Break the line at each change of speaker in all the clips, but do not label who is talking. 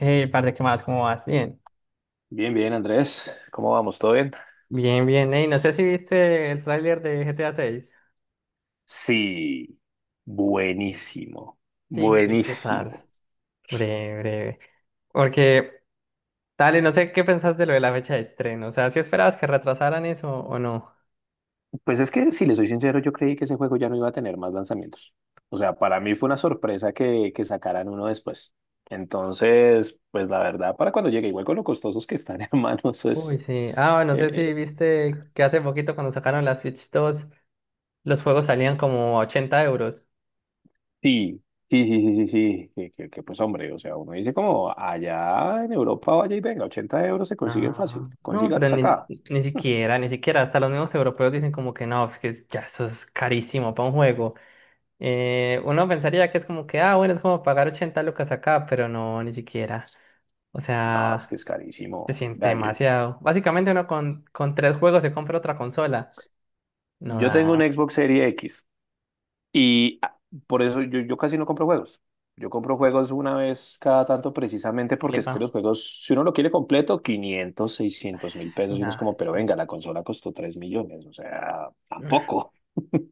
Hey, parce, ¿qué más? ¿Cómo vas? Bien.
Bien, bien, Andrés. ¿Cómo vamos? ¿Todo bien?
Bien, bien. Hey, no sé si viste el tráiler de GTA 6.
Sí, buenísimo,
Sí, ¿qué tal?
buenísimo.
Breve, breve. Porque, dale, no sé qué pensás de lo de la fecha de estreno. ¿O sea, si esperabas que retrasaran eso o no?
Pues es que, si le soy sincero, yo creí que ese juego ya no iba a tener más lanzamientos. O sea, para mí fue una sorpresa que sacaran uno después. Entonces, pues la verdad, para cuando llegue, igual con lo costosos que están, hermano, eso
Uy,
es...
sí. Ah, no
eh,
sé si
eh,
viste que hace poquito cuando sacaron las Switch dos los juegos salían como a 80 euros.
sí, sí, sí, sí, sí, sí, pues hombre, o sea, uno dice como, allá en Europa, vaya y venga, 80 euros se consiguen
No,
fácil,
no, pero
consígalos
ni,
acá.
ni siquiera, ni siquiera. Hasta los mismos europeos dicen como que no, es que ya eso es carísimo para un juego. Uno pensaría que es como que, ah, bueno, es como pagar 80 lucas acá, pero no, ni siquiera. O
No, es que
sea,
es carísimo.
se siente
Vea, yo,
demasiado. Básicamente uno con tres juegos se compra otra consola. No
Yo tengo un
da,
Xbox Series X y ah, por eso yo casi no compro juegos. Yo compro juegos una vez cada tanto precisamente porque es
epa,
que los juegos, si uno lo quiere completo, 500, 600 mil pesos y uno es
nada,
como, pero
sí,
venga, la consola costó 3 millones, o sea, tampoco.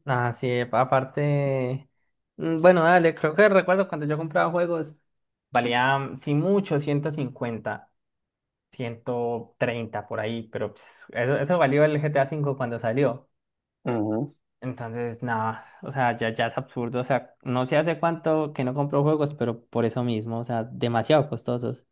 nada, sí, epa, aparte, bueno, dale, creo que recuerdo cuando yo compraba juegos, valía, sí mucho, 150 130 por ahí, pero pues, eso valió el GTA cinco cuando salió.
Ujú.
Entonces, nada, o sea, ya es absurdo. O sea, no sé hace cuánto que no compro juegos, pero por eso mismo, o sea, demasiado costosos.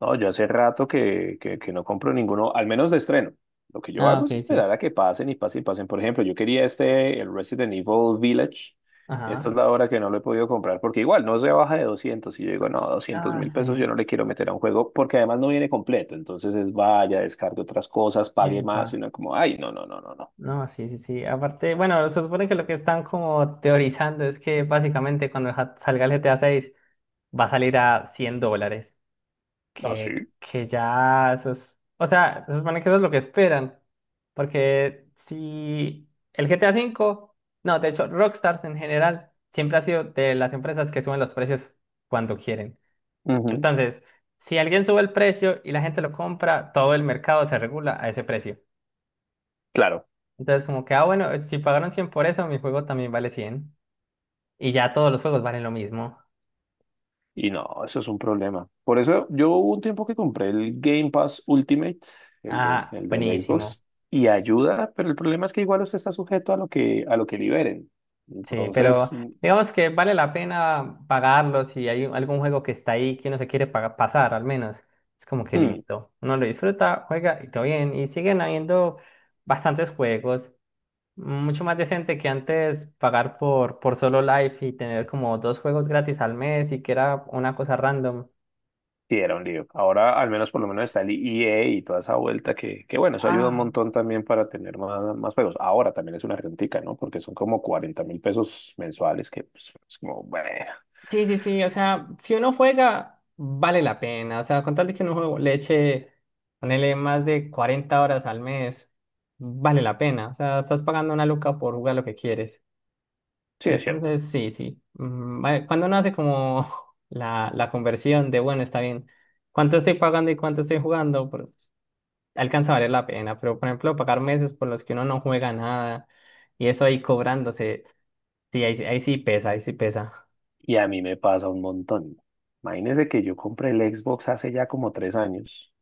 No, yo hace rato que no compro ninguno, al menos de estreno. Lo que yo
Ah,
hago es
ok, sí.
esperar a que pasen y pasen y pasen. Por ejemplo, yo quería este, el Resident Evil Village. Esta es
Ajá.
la hora que no lo he podido comprar porque igual no se baja de 200. Y yo digo, no, doscientos mil
Ah,
pesos yo
sí.
no le quiero meter a un juego porque además no viene completo. Entonces es vaya, descargue otras cosas, pague
Epa.
más. Y uno como, ay, no, no, no, no, no.
No, sí, sí, sí. Aparte, bueno, se supone que lo que están como teorizando es que básicamente cuando salga el GTA 6 va a salir a 100 dólares.
Ah,
que,
sí.
que ya eso es, o sea, se supone que eso es lo que esperan, porque si el GTA cinco no, de hecho, Rockstars en general siempre ha sido de las empresas que suben los precios cuando quieren.
Ujú.
Entonces, si alguien sube el precio y la gente lo compra, todo el mercado se regula a ese precio.
Claro.
Entonces, como que, ah, bueno, si pagaron 100 por eso, mi juego también vale 100 y ya todos los juegos valen lo mismo.
Y no, eso es un problema. Por eso yo hubo un tiempo que compré el Game Pass Ultimate, el de,
Ah,
el del
buenísimo.
Xbox, y ayuda, pero el problema es que igual usted está sujeto a lo que liberen.
Sí, pero
Entonces,
digamos que vale la pena pagarlo si hay algún juego que está ahí que uno se quiere pasar, al menos. Es como que
hmm,
listo. Uno lo disfruta, juega y todo bien. Y siguen habiendo bastantes juegos. Mucho más decente que antes pagar por solo Life y tener como dos juegos gratis al mes y que era una cosa random.
sí era un lío. Ahora al menos por lo menos está el EA y toda esa vuelta que bueno, eso ayuda un
Ah,
montón también para tener más, más juegos. Ahora también es una rentica, ¿no? Porque son como 40 mil pesos mensuales que pues, es como, bueno,
sí, sí, sí, o sea, si uno juega, vale la pena, o sea, con tal de que uno juego le eche, ponele más de 40 horas al mes, vale la pena, o sea, estás pagando una luca por jugar lo que quieres.
sí es cierto.
Entonces, sí, sí, vale, cuando uno hace como la conversión de, bueno, está bien, ¿cuánto estoy pagando y cuánto estoy jugando? Por- alcanza a valer la pena, pero por ejemplo, pagar meses por los que uno no juega nada y eso ahí cobrándose, sí, ahí, ahí sí pesa, ahí sí pesa.
Y a mí me pasa un montón. Imagínese que yo compré el Xbox hace ya como 3 años.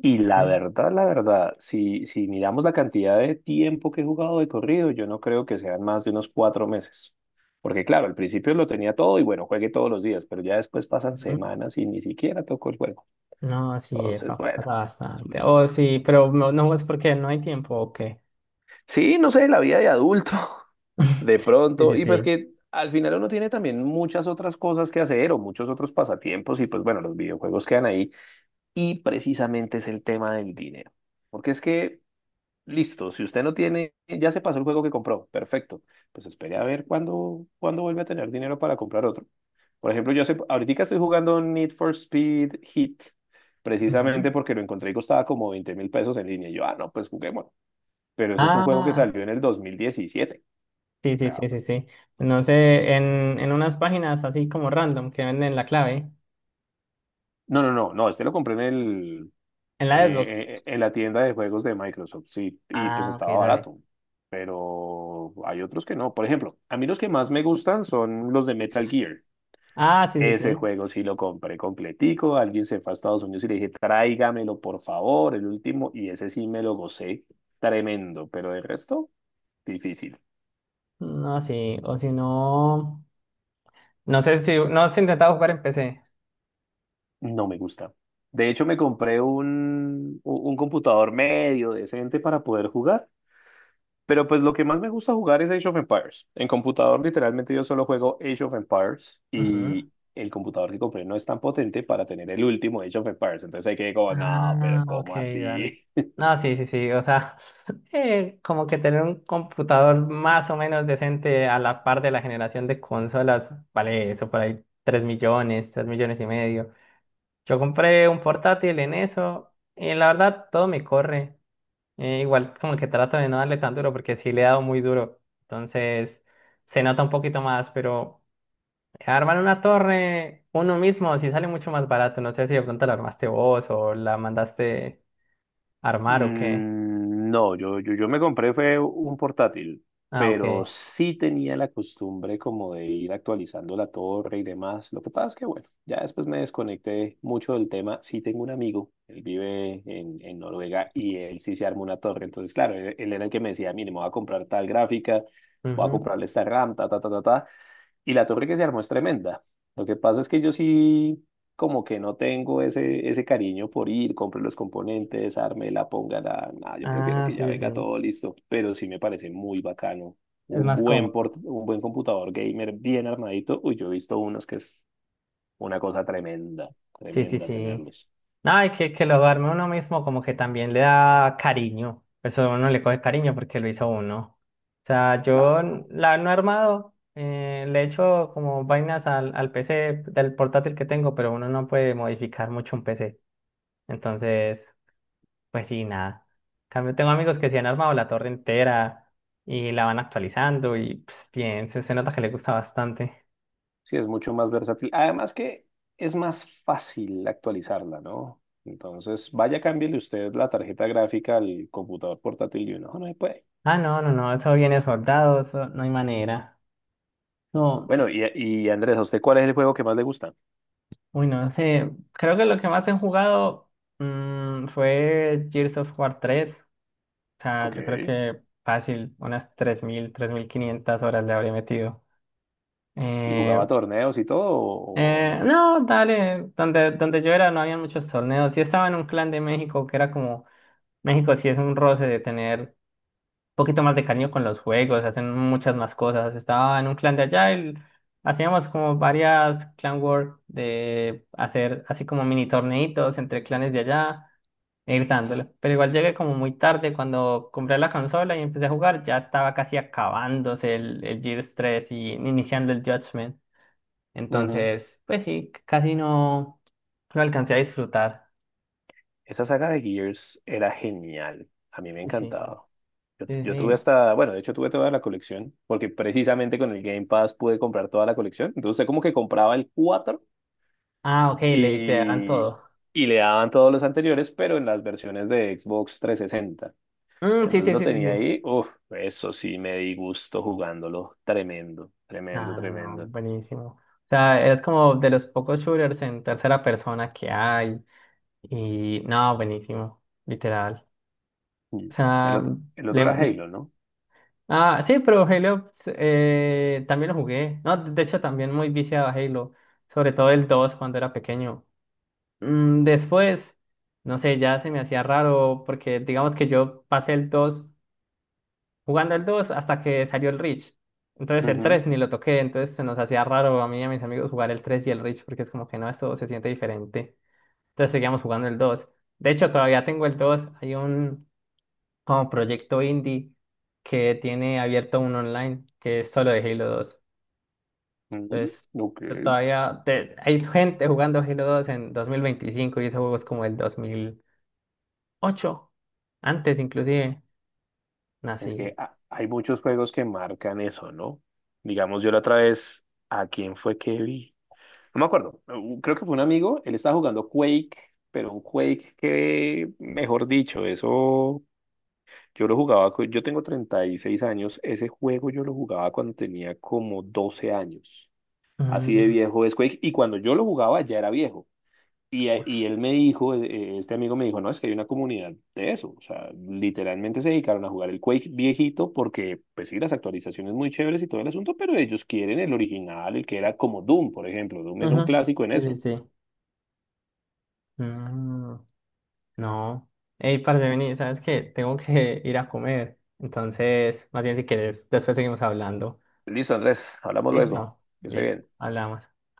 Y
Ujú.
la verdad, si, si miramos la cantidad de tiempo que he jugado de corrido, yo no creo que sean más de unos 4 meses. Porque claro, al principio lo tenía todo y bueno, juegué todos los días, pero ya después pasan
Ujú.
semanas y ni siquiera toco el juego.
No, sí,
Entonces,
epa,
bueno.
pasa
Es un
bastante.
lío.
Oh, sí, pero no, no es porque no hay tiempo, ¿o qué?
Sí, no sé, la vida de adulto, de
Sí,
pronto.
sí,
Y pues
sí.
que al final uno tiene también muchas otras cosas que hacer o muchos otros pasatiempos y pues bueno, los videojuegos quedan ahí. Y precisamente es el tema del dinero. Porque es que, listo, si usted no tiene, ya se pasó el juego que compró, perfecto. Pues espere a ver cuándo, cuándo vuelve a tener dinero para comprar otro. Por ejemplo, yo sé, ahorita estoy jugando Need for Speed Heat,
Ujú.
precisamente porque lo encontré y costaba como 20 mil pesos en línea. Y yo, ah, no, pues juguemos. Pero eso es un juego que
Ah,
salió en el 2017.
sí,
O
sí,
sea,
sí, sí, sí. No sé, en unas páginas así como random que venden la clave,
no, no, no, no, este lo compré en el
en la Xbox.
en la tienda de juegos de Microsoft, sí, y pues
Ah,
estaba
ok, dale.
barato, pero hay otros que no. Por ejemplo, a mí los que más me gustan son los de Metal Gear.
Ah, sí, sí,
Ese
sí.
juego sí lo compré completico, alguien se fue a Estados Unidos y le dije, tráigamelo por favor, el último, y ese sí me lo gocé, tremendo, pero el resto, difícil,
No, sí, o si no, no sé si, no has intentado jugar en PC.
no me gusta. De hecho, me compré un, un computador medio decente para poder jugar. Pero pues lo que más me gusta jugar es Age of Empires. En computador literalmente yo solo juego Age of Empires
Ujú.
y el computador que compré no es tan potente para tener el último Age of Empires. Entonces hay que como, no,
Ah,
pero
ok,
¿cómo
dale.
así?
No, sí, sí, sí, o sea, como que tener un computador más o menos decente a la par de la generación de consolas, vale eso por ahí, 3 millones, 3 millones y medio. Yo compré un portátil en eso y la verdad todo me corre. Igual como que trato de no darle tan duro porque sí le he dado muy duro, entonces se nota un poquito más, pero armar una torre uno mismo sí sale mucho más barato. No sé si de pronto la armaste vos o la mandaste. ¿Armar o qué?
No, yo me compré fue un portátil,
Ah,
pero
ok.
sí tenía la costumbre como de ir actualizando la torre y demás. Lo que pasa es que, bueno, ya después me desconecté mucho del tema. Sí tengo un amigo, él vive en Noruega y él sí se armó una torre. Entonces, claro, él era el que me decía, mire, me voy a comprar tal gráfica, voy a
Ujú.
comprarle esta RAM, ta, ta, ta, ta, ta. Y la torre que se armó es tremenda. Lo que pasa es que yo sí, como que no tengo ese cariño por ir, compre los componentes, la, ponga la, nada, yo prefiero
Ah,
que
sí,
ya
sí,
venga
sí.
todo listo. Pero sí me parece muy bacano.
Es
Un
más
buen,
cómodo.
un buen computador gamer bien armadito. Uy, yo he visto unos que es una cosa tremenda,
Sí, sí,
tremenda
sí.
tenerlos.
No, y que lo arme uno mismo como que también le da cariño. Eso uno le coge cariño porque lo hizo uno. O sea, yo
Claro.
la no he armado, le he hecho como vainas al, PC del portátil que tengo, pero uno no puede modificar mucho un PC. Entonces, pues sí, nada. En cambio, tengo amigos que sí han armado la torre entera y la van actualizando y pues, bien, se nota que le gusta bastante.
Sí, es mucho más versátil. Además que es más fácil actualizarla, ¿no? Entonces, vaya, cámbiele usted la tarjeta gráfica al computador portátil y uno "Oh, no se puede".
Ah, no, no, no, eso viene soldado, eso no hay manera. No,
Bueno, y Andrés, ¿a usted cuál es el juego que más le gusta?
uy, no sé. Creo que lo que más he jugado fue Gears of War tres. O sea,
Ok.
yo creo que fácil, unas tres mil tres mil quinientas horas le habría metido.
¿Y
Eh,
jugaba torneos y todo o no?
no, dale, donde yo era no había muchos torneos. Sí estaba en un clan de México que era como, México sí es un roce de tener poquito más de cariño con los juegos, hacen muchas más cosas. Estaba en un clan de Agile, hacíamos como varias clan war de hacer así como mini torneitos entre clanes de allá e ir dándole. Pero igual llegué como muy tarde cuando compré la consola y empecé a jugar, ya estaba casi acabándose el Gears 3 y iniciando el Judgment.
Ujú.
Entonces, pues sí, casi no, no alcancé a disfrutar.
Esa saga de Gears era genial. A mí me
Y sí,
encantaba. Yo,
sí,
yo tuve
sí.
hasta, bueno, de hecho tuve toda la colección, porque precisamente con el Game Pass pude comprar toda la colección. Entonces, usted como que compraba el 4.
Ah, ok, le te dan
Y,
todo.
y le daban todos los anteriores, pero en las versiones de Xbox 360.
Mm, sí,
Entonces
sí,
lo
sí, sí,
tenía
sí.
ahí, uff, eso sí me di gusto jugándolo, tremendo, tremendo,
No, no, no,
tremendo.
buenísimo. O sea, es como de los pocos shooters en tercera persona que hay. Y no, buenísimo, literal.
Mm.
O
El
sea,
otro, el otro
le-
era
le-
Halo, ¿no?
ah, sí, pero Halo también lo jugué. No, de hecho, también muy viciado a Halo, sobre todo el 2 cuando era pequeño. Mm, después, no sé, ya se me hacía raro porque digamos que yo pasé el 2 jugando el 2 hasta que salió el Reach. Entonces el
Ujú,
3 ni lo toqué, entonces se nos hacía raro a mí y a mis amigos jugar el 3 y el Reach porque es como que no, esto se siente diferente. Entonces seguíamos jugando el dos. De hecho, todavía tengo el dos. Hay un como proyecto indie que tiene abierto un online que es solo de Halo dos.
ujú.
Entonces
Ok.
yo todavía hay gente jugando Halo dos en 2025 y ese juego es como el 2008. Antes inclusive.
Es que
Así.
hay muchos juegos que marcan eso, ¿no? Digamos, yo la otra vez, ¿a quién fue que vi? No me acuerdo, creo que fue un amigo, él estaba jugando Quake, pero un Quake que, mejor dicho, eso. Yo lo jugaba, yo tengo 36 años, ese juego yo lo jugaba cuando tenía como 12 años, así de
Mm,
viejo es Quake, y cuando yo lo jugaba ya era viejo.
ush.
Y él me dijo, este amigo me dijo, no, es que hay una comunidad de eso, o sea, literalmente se dedicaron a jugar el Quake viejito porque, pues sí, las actualizaciones muy chéveres y todo el asunto, pero ellos quieren el original, el que era como Doom, por ejemplo, Doom es un
Ujú.
clásico en
Sí, sí,
eso.
sí. Mm, no. Ey, parce, vení, ¿sabes qué? Tengo que ir a comer. Entonces, más bien si quieres, después seguimos hablando.
Listo, Andrés, hablamos luego,
Listo,
que esté
listo,
bien.
hablamos.